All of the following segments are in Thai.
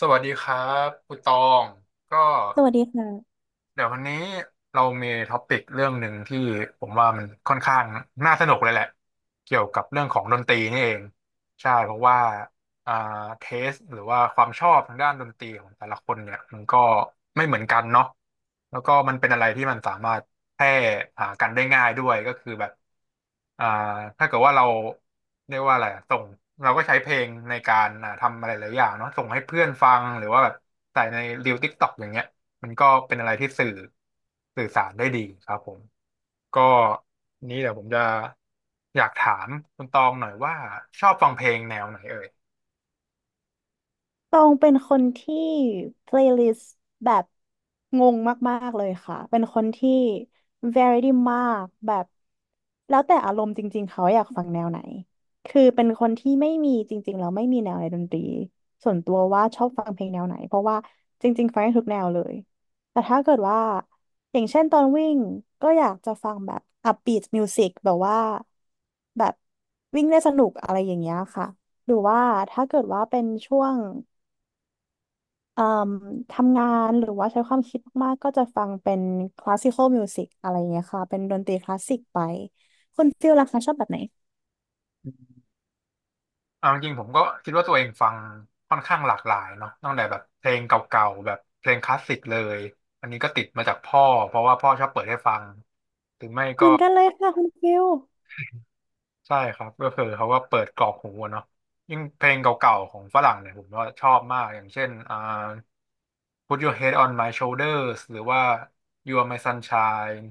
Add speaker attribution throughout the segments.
Speaker 1: สวัสดีครับคุณตองก็
Speaker 2: สวัสดีค่ะ
Speaker 1: เดี๋ยววันนี้เรามีท็อปิกเรื่องหนึ่งที่ผมว่ามันค่อนข้างน่าสนุกเลยแหละเกี่ยวกับเรื่องของดนตรีนี่เองใช่เพราะว่าอ่าเทสหรือว่าความชอบทางด้านดนตรีของแต่ละคนเนี่ยมันก็ไม่เหมือนกันเนาะแล้วก็มันเป็นอะไรที่มันสามารถแพร่หากันได้ง่ายด้วยก็คือแบบอ่าถ้าเกิดว่าเราเรียกว่าอะไรอะส่งเราก็ใช้เพลงในการทำอะไรหลายอย่างเนาะส่งให้เพื่อนฟังหรือว่าแบบใส่ในรีลติกต็อกอย่างเงี้ย มันก็เป็นอะไรที่สื่อสารได้ดีครับผมก็นี้เดี๋ยวผมจะอยากถามคุณตองหน่อยว่าชอบฟังเพลงแนวไหนเอ่ย
Speaker 2: ตองเป็นคนที่ playlist แบบงงมากๆเลยค่ะ เป็นคนที่ variety มากแบบแล้วแต่อารมณ์จริงๆเขาอยากฟังแนวไหน คือเป็นคนที่ไม่มีจริงๆแล้วไม่มีแนวในดนตรีส่วนตัวว่าชอบฟังเพลงแนวไหนเพราะว่าจริงๆฟังได้ทุกแนวเลย แต่ถ้าเกิดว่าอย่างเช่นตอนวิ่งก็อยากจะฟังแบบ upbeat music แบบว่าแบบวิ่งได้สนุกอะไรอย่างเงี้ยค่ะหรือว่าถ้าเกิดว่าเป็นช่วง เอ่มทำงานหรือว่าใช้ความคิดมากๆก็จะฟังเป็นคลาสสิคอลมิวสิกอะไรเงี้ยค่ะเป็นดนตรีคลาสสิกไปคุณฟิลล่ะคะชอบแบบไหน
Speaker 1: เอาจริงๆผมก็คิดว่าตัวเองฟังค่อนข้างหลากหลายเนาะตั้งแต่แบบเพลงเก่าๆแบบเพลงคลาสสิกเลยอันนี้ก็ติดมาจากพ่อเพราะว่าพ่อชอบเปิดให้ฟัง
Speaker 2: เหมือนกันเลยค่ะคุณฟิล
Speaker 1: ใช่ครับก็คือเขาก็เปิดกรอกหูอะเนาะยิ่งเพลงเก่าๆของฝรั่งเนี่ยผมก็ชอบมากอย่างเช่นPut Your Head on My Shoulders หรือว่า You Are My Sunshine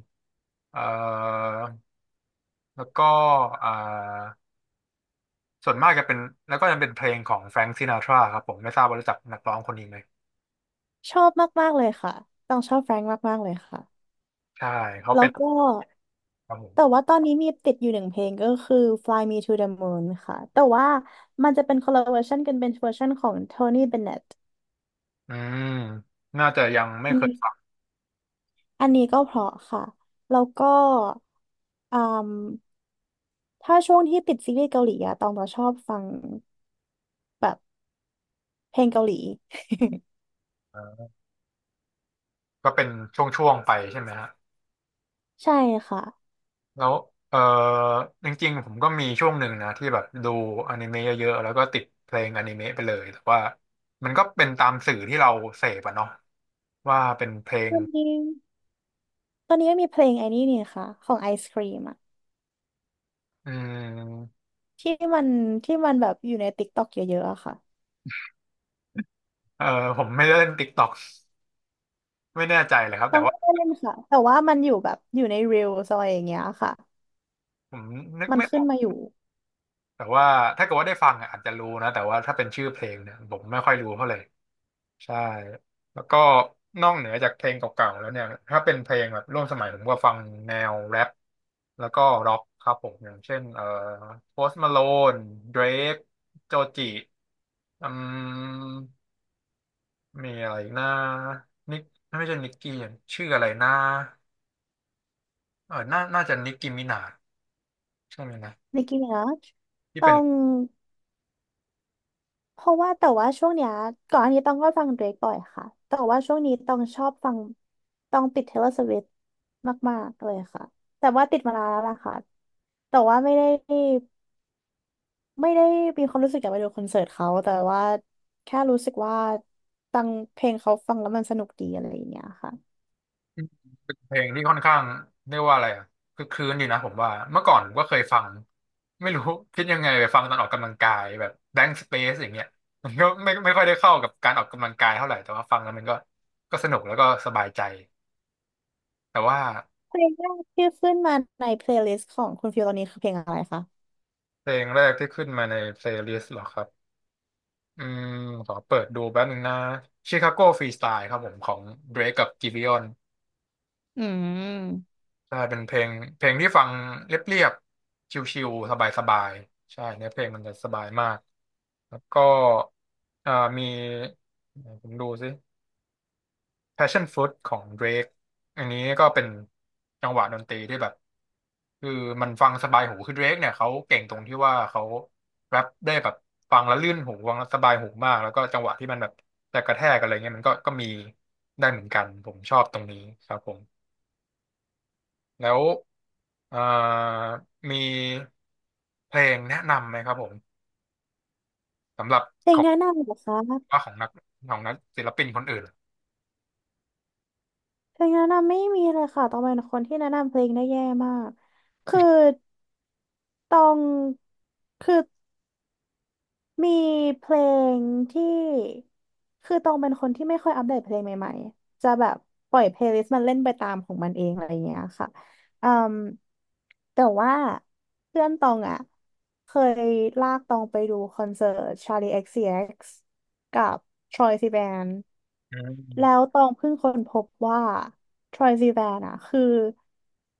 Speaker 1: เอ่อแล้วก็เอ่อส่วนมากจะเป็นแล้วก็จะเป็นเพลงของแฟรง k ์ซินาทราครับผมไม่ทราบว่ารู้จักนักร้องคนนี้ไหม
Speaker 2: ชอบมากๆเลยค่ะต้องชอบแฟรงค์มากๆเลยค่ะ
Speaker 1: ใช่เขา
Speaker 2: แล้
Speaker 1: เป็
Speaker 2: ว
Speaker 1: น
Speaker 2: ก็
Speaker 1: ครับผม
Speaker 2: แต่ว่าตอนนี้มีติดอยู่หนึ่งเพลงก็คือ Fly Me to the Moon ค่ะแต่ว่ามันจะเป็นคนละเวอร์ชันกันเป็นเวอร์ชันของ Tony Bennett
Speaker 1: อืมน่าจะยังไม่
Speaker 2: อัน
Speaker 1: เค
Speaker 2: นี้
Speaker 1: ยฟัง
Speaker 2: อันนี้ก็เพราะค่ะแล้วก็อืม ถ้าช่วงที่ติดซีรีส์เกาหลีอะตองจะชอบฟังแบบเพลงเกาหลี
Speaker 1: ก็เป็นช่วงๆไปใช่ไหมฮะ
Speaker 2: ใช่ค่ะ
Speaker 1: แล้วเออจริงๆผมก็มีช่วงหนึ่งนะที่แบบดูอนิเมะเยอะๆแล้วก็ติดเพลงอนิเมะไปเลยแต่ว่ามันก็เป็นตามสื่อที่เราเสพอะเนาะว่าเป็นเพล
Speaker 2: ต
Speaker 1: ง
Speaker 2: อนนี้ตอนนี้ก็มีเพลงไอ้นี่นี่ค่ะของไอศครีมอะ
Speaker 1: อืม
Speaker 2: ที่มันที่มันแบบอยู่ใน t ิ k กต k อกเยอะๆอะค่ะ
Speaker 1: เออผมไม่ได้เล่นติ๊กต็อกไม่แน่ใจเลยครับ
Speaker 2: ต้อ
Speaker 1: แต่
Speaker 2: งไม่
Speaker 1: ว่า
Speaker 2: ได้เล่นค่ะ แต่ว่ามันอยู่แบบอยู่ใน Reels อะไรอย่างเงี้ยค่ะ
Speaker 1: ผมนึก
Speaker 2: มัน
Speaker 1: ไม่อ
Speaker 2: ขึ้
Speaker 1: อ
Speaker 2: น
Speaker 1: ก
Speaker 2: มาอยู่
Speaker 1: แต่ว่าถ้าเกิดว่าได้ฟังอะอาจจะรู้นะแต่ว่าถ้าเป็นชื่อเพลงเนี่ยผมไม่ค่อยรู้เท่าไหร่ใช่แล้วก็นอกเหนือจากเพลงเก่าๆแล้วเนี่ยถ้าเป็นเพลงแบบร่วมสมัยผมก็ฟังแนวแร็ปแล้วก็ร็อกครับผมอย่างเช่นโพสต์มาโลนเดรกโจจิอืมมีอะไรอีกนะนิกไม่ใช่นิกกี้ชื่ออะไรนะเออน่าจะนิกกี้มินาใช่ไหมนะ
Speaker 2: Nicki Minaj
Speaker 1: ที่
Speaker 2: ต้
Speaker 1: เป็
Speaker 2: อ
Speaker 1: น
Speaker 2: ง เพราะว่าแต่ว่าช่วงเนี้ยก่อนอันนี้ต้องก็ฟังเดรกบ่อยค่ะแต่ว่าช่วงนี้ต้องชอบฟังต้องติด Taylor Swift มากๆเลยค่ะแต่ว่าติดมานานแล้วล่ะค่ะแต่ว่าไม่ได้มีความรู้สึกอยากไปดูคอนเสิร์ตเขาแต่ว่าแค่รู้สึกว่าฟังเพลงเขาฟังแล้วมันสนุกดีอะไรอย่างเงี้ยค่ะ
Speaker 1: เพลงที่ค่อนข้างเรียกว่าอะไรอะคือคลืนอยู่นะผมว่าเมื่อก่อนผมก็เคยฟังไม่รู้ คิดยังไงไปฟังตอนออกกำลังกายแบบ Blank Space อย่างเงี้ย มันก็ไม่ค่อยได้เข้ากับการออกกำลังกายเท่าไหร่แต่ว่าฟังแล้วมันก็ก็สนุกแล้วก็สบายใจแต่ว่า
Speaker 2: เพลงแรกที่ขึ้นมาในเพลย์ลิสต์ของคุณฟิวตอนนี้คือเพลงอะไรคะ
Speaker 1: เพลงแรกที่ขึ้นมาใน playlist เหรอครับอืมขอเปิดดูแป๊บนึงนะ Chicago Freestyle ครับผมของ Drake กับ Giveon
Speaker 2: อืม
Speaker 1: ใช่เป็นเพลงเพลงที่ฟังเรียบๆชิลๆสบายๆใช่เนื้อเพลงมันจะสบายมาก แล้วก็อ่ามีผมดูสิ Passion Fruit ของ Drake อันนี้ก็เป็นจังหวะดนตรีที่แบบคือมันฟังสบายหูคือ Drake เนี่ยเขาเก่งตรงที่ว่าเขาแรปได้แบบฟังแล้วลื่นหูฟังแล้วสบายหูมากแล้วก็จังหวะที่มันแบบจะกระแทกอะไรเงี้ยมันก็ก็มีได้เหมือนกันผมชอบตรงนี้ครับผมแล้วอ่ามีเพลงแนะนำไหมครับผมสำหรับ
Speaker 2: เพล
Speaker 1: ข
Speaker 2: ง
Speaker 1: อง
Speaker 2: แนะนำเหรอคะ
Speaker 1: ว่าของนักของศิลปินคนอื่น
Speaker 2: เพลงแนะนำไม่มีเลยค่ะตองเป็นคนที่แนะนำเพลงได้แย่มากคือตองคือมีเพลงที่คือตองเป็นคนที่ไม่ค่อยอัปเดตเพลงใหม่ๆจะแบบปล่อยเพลย์ลิสต์มันเล่นไปตามของมันเองอะไรอย่างเงี้ยค่ะอืมแต่ว่าเพื่อนตองอ่ะเคยลากตองไปดูคอนเสิร์ต Charlie XCX กซ์ซีเอ็กซ์กับ Troye Sivan
Speaker 1: อื
Speaker 2: แล้ว
Speaker 1: ม
Speaker 2: ตองเพิ่งค้นพบว่าทรอยซีแวนอะคือ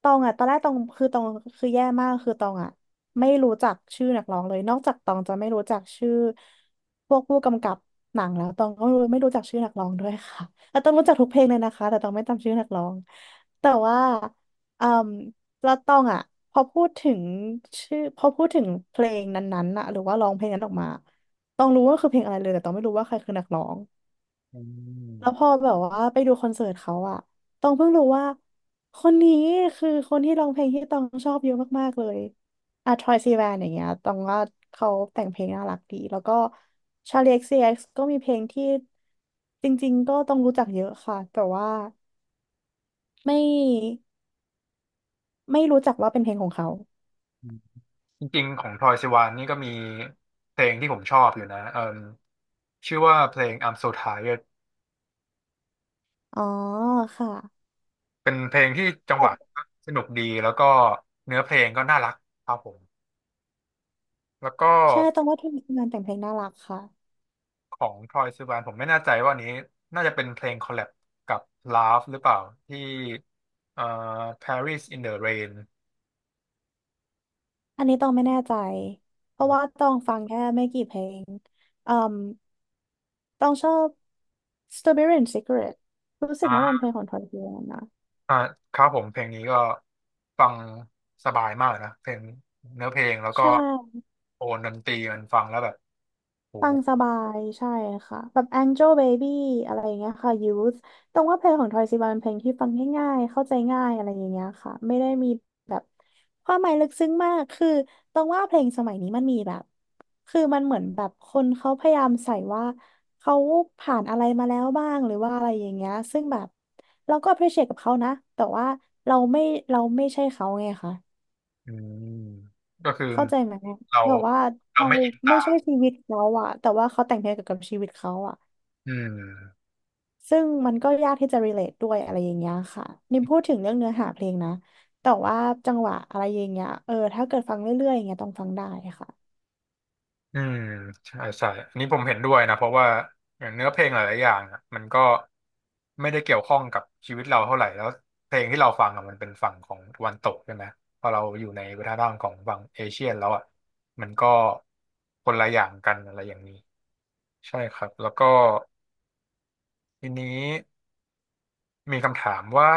Speaker 2: ตองอะตอนแรกตองคือตองคือแย่มากคือตองอะไม่รู้จักชื่อนักร้องเลยนอกจากตองจะไม่รู้จักชื่อพวกผู้กำกับหนังแล้วตองก็ไม่รู้ไม่รู้จักชื่อนักร้องด้วยค่ะ แต่ตองรู้จักทุกเพลงเลยนะคะแต่ตองไม่จำชื่อนักร้องแต่ว่าอืมแล้วตองอะพอพูดถึงชื่อพอพูดถึงเพลงนั้นๆอะหรือว่าร้องเพลงนั้นออกมาตองรู้ว่าคือเพลงอะไรเลยแต่ตองไม่รู้ว่าใครคือนักร้อง
Speaker 1: อื
Speaker 2: แล้วพอ
Speaker 1: ม
Speaker 2: แบบว่าไปดูคอนเสิร์ตเขาอะตองเพิ่งรู้ว่าคนนี้คือคนที่ร้องเพลงที่ตองชอบเยอะมากๆเลยอะทรอยซีแวนอย่างเงี้ยตองว่าเขาแต่งเพลงน่ารักดีแล้วก็ชาลี XCX กซ์ซีเอ็กซ์ก็มีเพลงที่จริงๆก็ต้องรู้จักเยอะค่ะแต่ว่าไม่ไม่รู้จักว่าเป็นเพลงของเขา
Speaker 1: อืมจริงๆของทรอยซิวานนี่ก็มีเพลงที่ผมชอบอยู่นะเอ่มชื่อว่าเพลง I'm So Tired
Speaker 2: อ๋อค่ะ
Speaker 1: เป็นเพลงที่จังหวะสนุกดีแล้วก็เนื้อเพลงก็น่ารักครับผมแล้วก็
Speaker 2: ใช่ตองว่าทีมงานแต่งเพลงน่ารักค่ะ
Speaker 1: ของทรอยซิวานผมไม่แน่ใจว่าอันนี้น่าจะเป็นเพลงคอลแลบกับ Love หรือเปล่าที่เอ่อ Paris in the Rain
Speaker 2: อันนี้ต้องไม่แน่ใจ เพราะว่าต้องฟังแค่ไม่กี่เพลงอืมต้องชอบ Strawberry and Secret รู้สึกน่าจะเป็นเพลงของทอยเทยนนะ
Speaker 1: อ่าครับผมเพลงนี้ก็ฟังสบายมากนะเพลงเนื้อเพลงแล้ว
Speaker 2: ใช
Speaker 1: ก็
Speaker 2: ่
Speaker 1: โอนดนตรีมันฟังแล้วแบบโห
Speaker 2: ฟังสบายใช่ค่ะแบบ Angel Baby อะไรอย่างเงี้ยค่ะ Youth ตรงว่าเพลงของทอยซิบเป็นเพลงที่ฟังง่ายๆเข้าใจง่ายอะไรอย่างเงี้ยค่ะไม่ได้มีแบบความหมายลึกซึ้งมากคือตรงว่าเพลงสมัยนี้มันมีแบบคือมันเหมือนแบบคนเขาพยายามใส่ว่าเขาผ่านอะไรมาแล้วบ้างหรือว่าอะไรอย่างเงี้ยซึ่งแบบเราก็ appreciate กับเขานะแต่ว่าเราไม่เราไม่ใช่เขาไง
Speaker 1: อืมก็คือ
Speaker 2: เข้าใจไหม
Speaker 1: เรา
Speaker 2: แบบว่าเรา
Speaker 1: ไม่อินตา
Speaker 2: ไม่
Speaker 1: ม
Speaker 2: ใช่ชีวิตเขาอะแต่ว่าเขาแต่งเพลงเกี่ยวกับชีวิตเขาอะ
Speaker 1: อืม
Speaker 2: ซึ่งมันก็ยากที่จะ relate ด้วยอะไรอย่างเงี้ยค่ะนี่พูดถึงเรื่องเนื้อหาเพลงนะแต่ว่าจังหวะอะไรอย่างเงี้ยเออถ้าเกิดฟังเรื่อยๆอย่างเงี้ยต้องฟังได้ค่ะ
Speaker 1: อืมใช่ใช่อันนี้ผมเห็นด้วยนะเพราะว่าอย่างเนื้อเพลงหลายๆอย่างอะมันก็ไม่ได้เกี่ยวข้องกับชีวิตเราเท่าไหร่แล้วเพลงที่เราฟังอะมันเป็นฝั่งของตะวันตกใช่ไหมพอเราอยู่ในวัฒนธรรมของฝั่งเอเชียนแล้วอ่ะมันก็คนละอย่างกันอะไรอย่างนี้ ใช่ครับแล้วก็ทีนี้มีคำถามว่า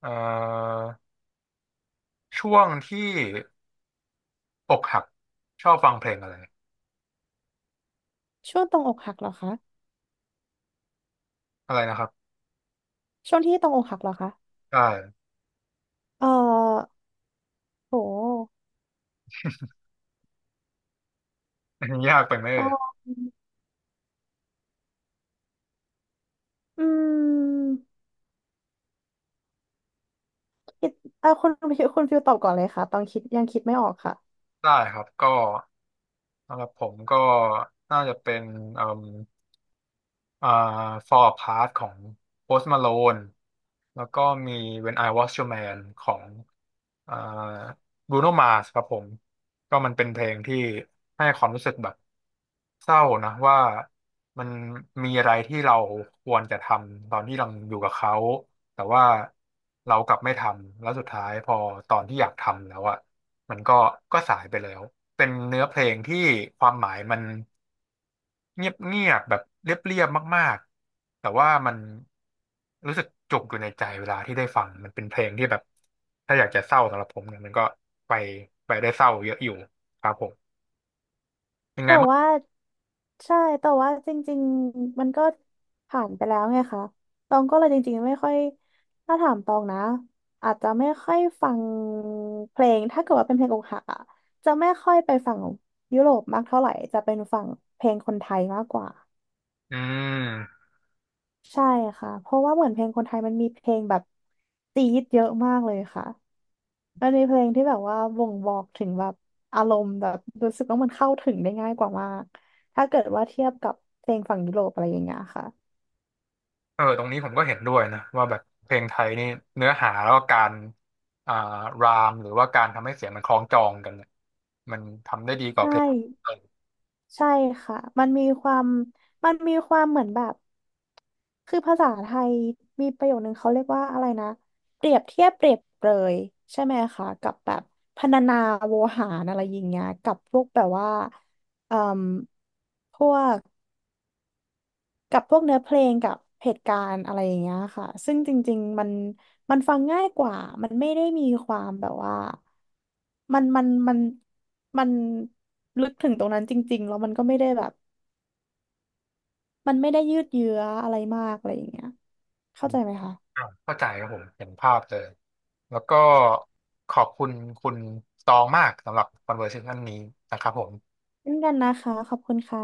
Speaker 1: เอ่อช่วงที่อกหักชอบฟังเพลงอะไร
Speaker 2: ช่วงตรงอกหักเหรอคะ
Speaker 1: อะไรนะครับ
Speaker 2: ช่วงที่ตรงอกหักเหรอคะ
Speaker 1: ได้
Speaker 2: เออโห
Speaker 1: นนยากไปไหม
Speaker 2: ตอ
Speaker 1: เอ่ย
Speaker 2: นอืมคิดเออคุณ คุณฟิลตอบก่อนเลยค่ะตอนคิดยังคิดไม่ออกค่ะ
Speaker 1: ได้ครับก็สำหรับผมก็น่าจะเป็น อ่า Fall Apart ของ Post Malone แล้วก็มี When I Was Your Man ของอ่า Bruno Mars ครับผม ก็มันเป็นเพลงที่ให้ความรู้สึกแบบเศร้านะว่ามันมีอะไรที่เราควรจะทำตอนที่เราอยู่กับเขาแต่ว่าเรากลับไม่ทำแล้วสุดท้ายพอตอนที่อยากทำแล้วอ่ะมันก็ก็สายไปแล้วเป็นเนื้อเพลงที่ความหมายมัน เงียบเงียบแบบเรียบเรียบมากๆแต่ว่ามันรู้สึกจุกอยู่ในใจเวลาที่ได้ฟังมันเป็นเพลงที่แบบถ้าอยากจะเศร้าสำหรับผมเนี่ยมันก็ไปได้เศร้าเยอะอยู่ครับผมยังไง
Speaker 2: แต่
Speaker 1: บ้า
Speaker 2: ว่า
Speaker 1: ง
Speaker 2: ใช่แต่ว่าจริงๆมันก็ผ่านไปแล้วไงคะตองก็เลยจริงๆไม่ค่อยถ้าถามตองนะอาจจะไม่ค่อยฟังเพลงถ้าเกิดว่าเป็นเพลงอกหักอะจะไม่ค่อยไปฝั่งยุโรปมากเท่าไหร่จะเป็นฝั่งเพลงคนไทยมากกว่า
Speaker 1: อืม
Speaker 2: ใช่ค่ะเพราะว่าเหมือนเพลงคนไทยมันมีเพลงแบบจี๊ดเยอะมากเลยค่ะ มันมีเพลงที่แบบว่าบ่งบอกถึงแบบอารมณ์แบบรู้สึกว่ามันเข้าถึงได้ง่ายกว่ามากถ้าเกิดว่าเทียบกับเพลงฝั่งยุโรปอะไรอย่างเงี้ยค่ะ
Speaker 1: เออตรงนี้ผมก็เห็นด้วยนะว่าแบบเพลงไทยนี่เนื้อหาแล้วก็การอ่ารามหรือว่าการทำให้เสียงมันคล้องจองกันเนี่ยมันทำได้ดีกว่า
Speaker 2: ใช่
Speaker 1: เพลง
Speaker 2: ใช่ค่ะมันมีความมันมีความเหมือนแบบคือภาษาไทยมีประโยคนึงเขาเรียกว่าอะไรนะเปรียบเทียบเปรียบเปรยใช่ไหมคะกับแบบพรรณนาโวหารอะไรอย่างเงี้ยกับพวกแบบว่าเอ่มพวก กับพวกเนื้อเพลงกับเหตุการณ์อะไรอย่างเงี้ยค่ะซึ่งจริงๆมันมันฟังง่ายกว่ามันไม่ได้มีความแบบว่ามันมันมันมันลึกถึงตรงนั้นจริงๆแล้วมันก็ไม่ได้แบบมันไม่ได้ยืดเยื้ออะไรมากอะไรอย่างเงี้ยเข้าใจไหมคะ
Speaker 1: อ่ะเข้าใจครับผมเห็นภาพเลยแล้วก็ขอบคุณคุณตองมากสำหรับ conversation นี้นะครับผม
Speaker 2: เช่นกันนะคะขอบคุณค่ะ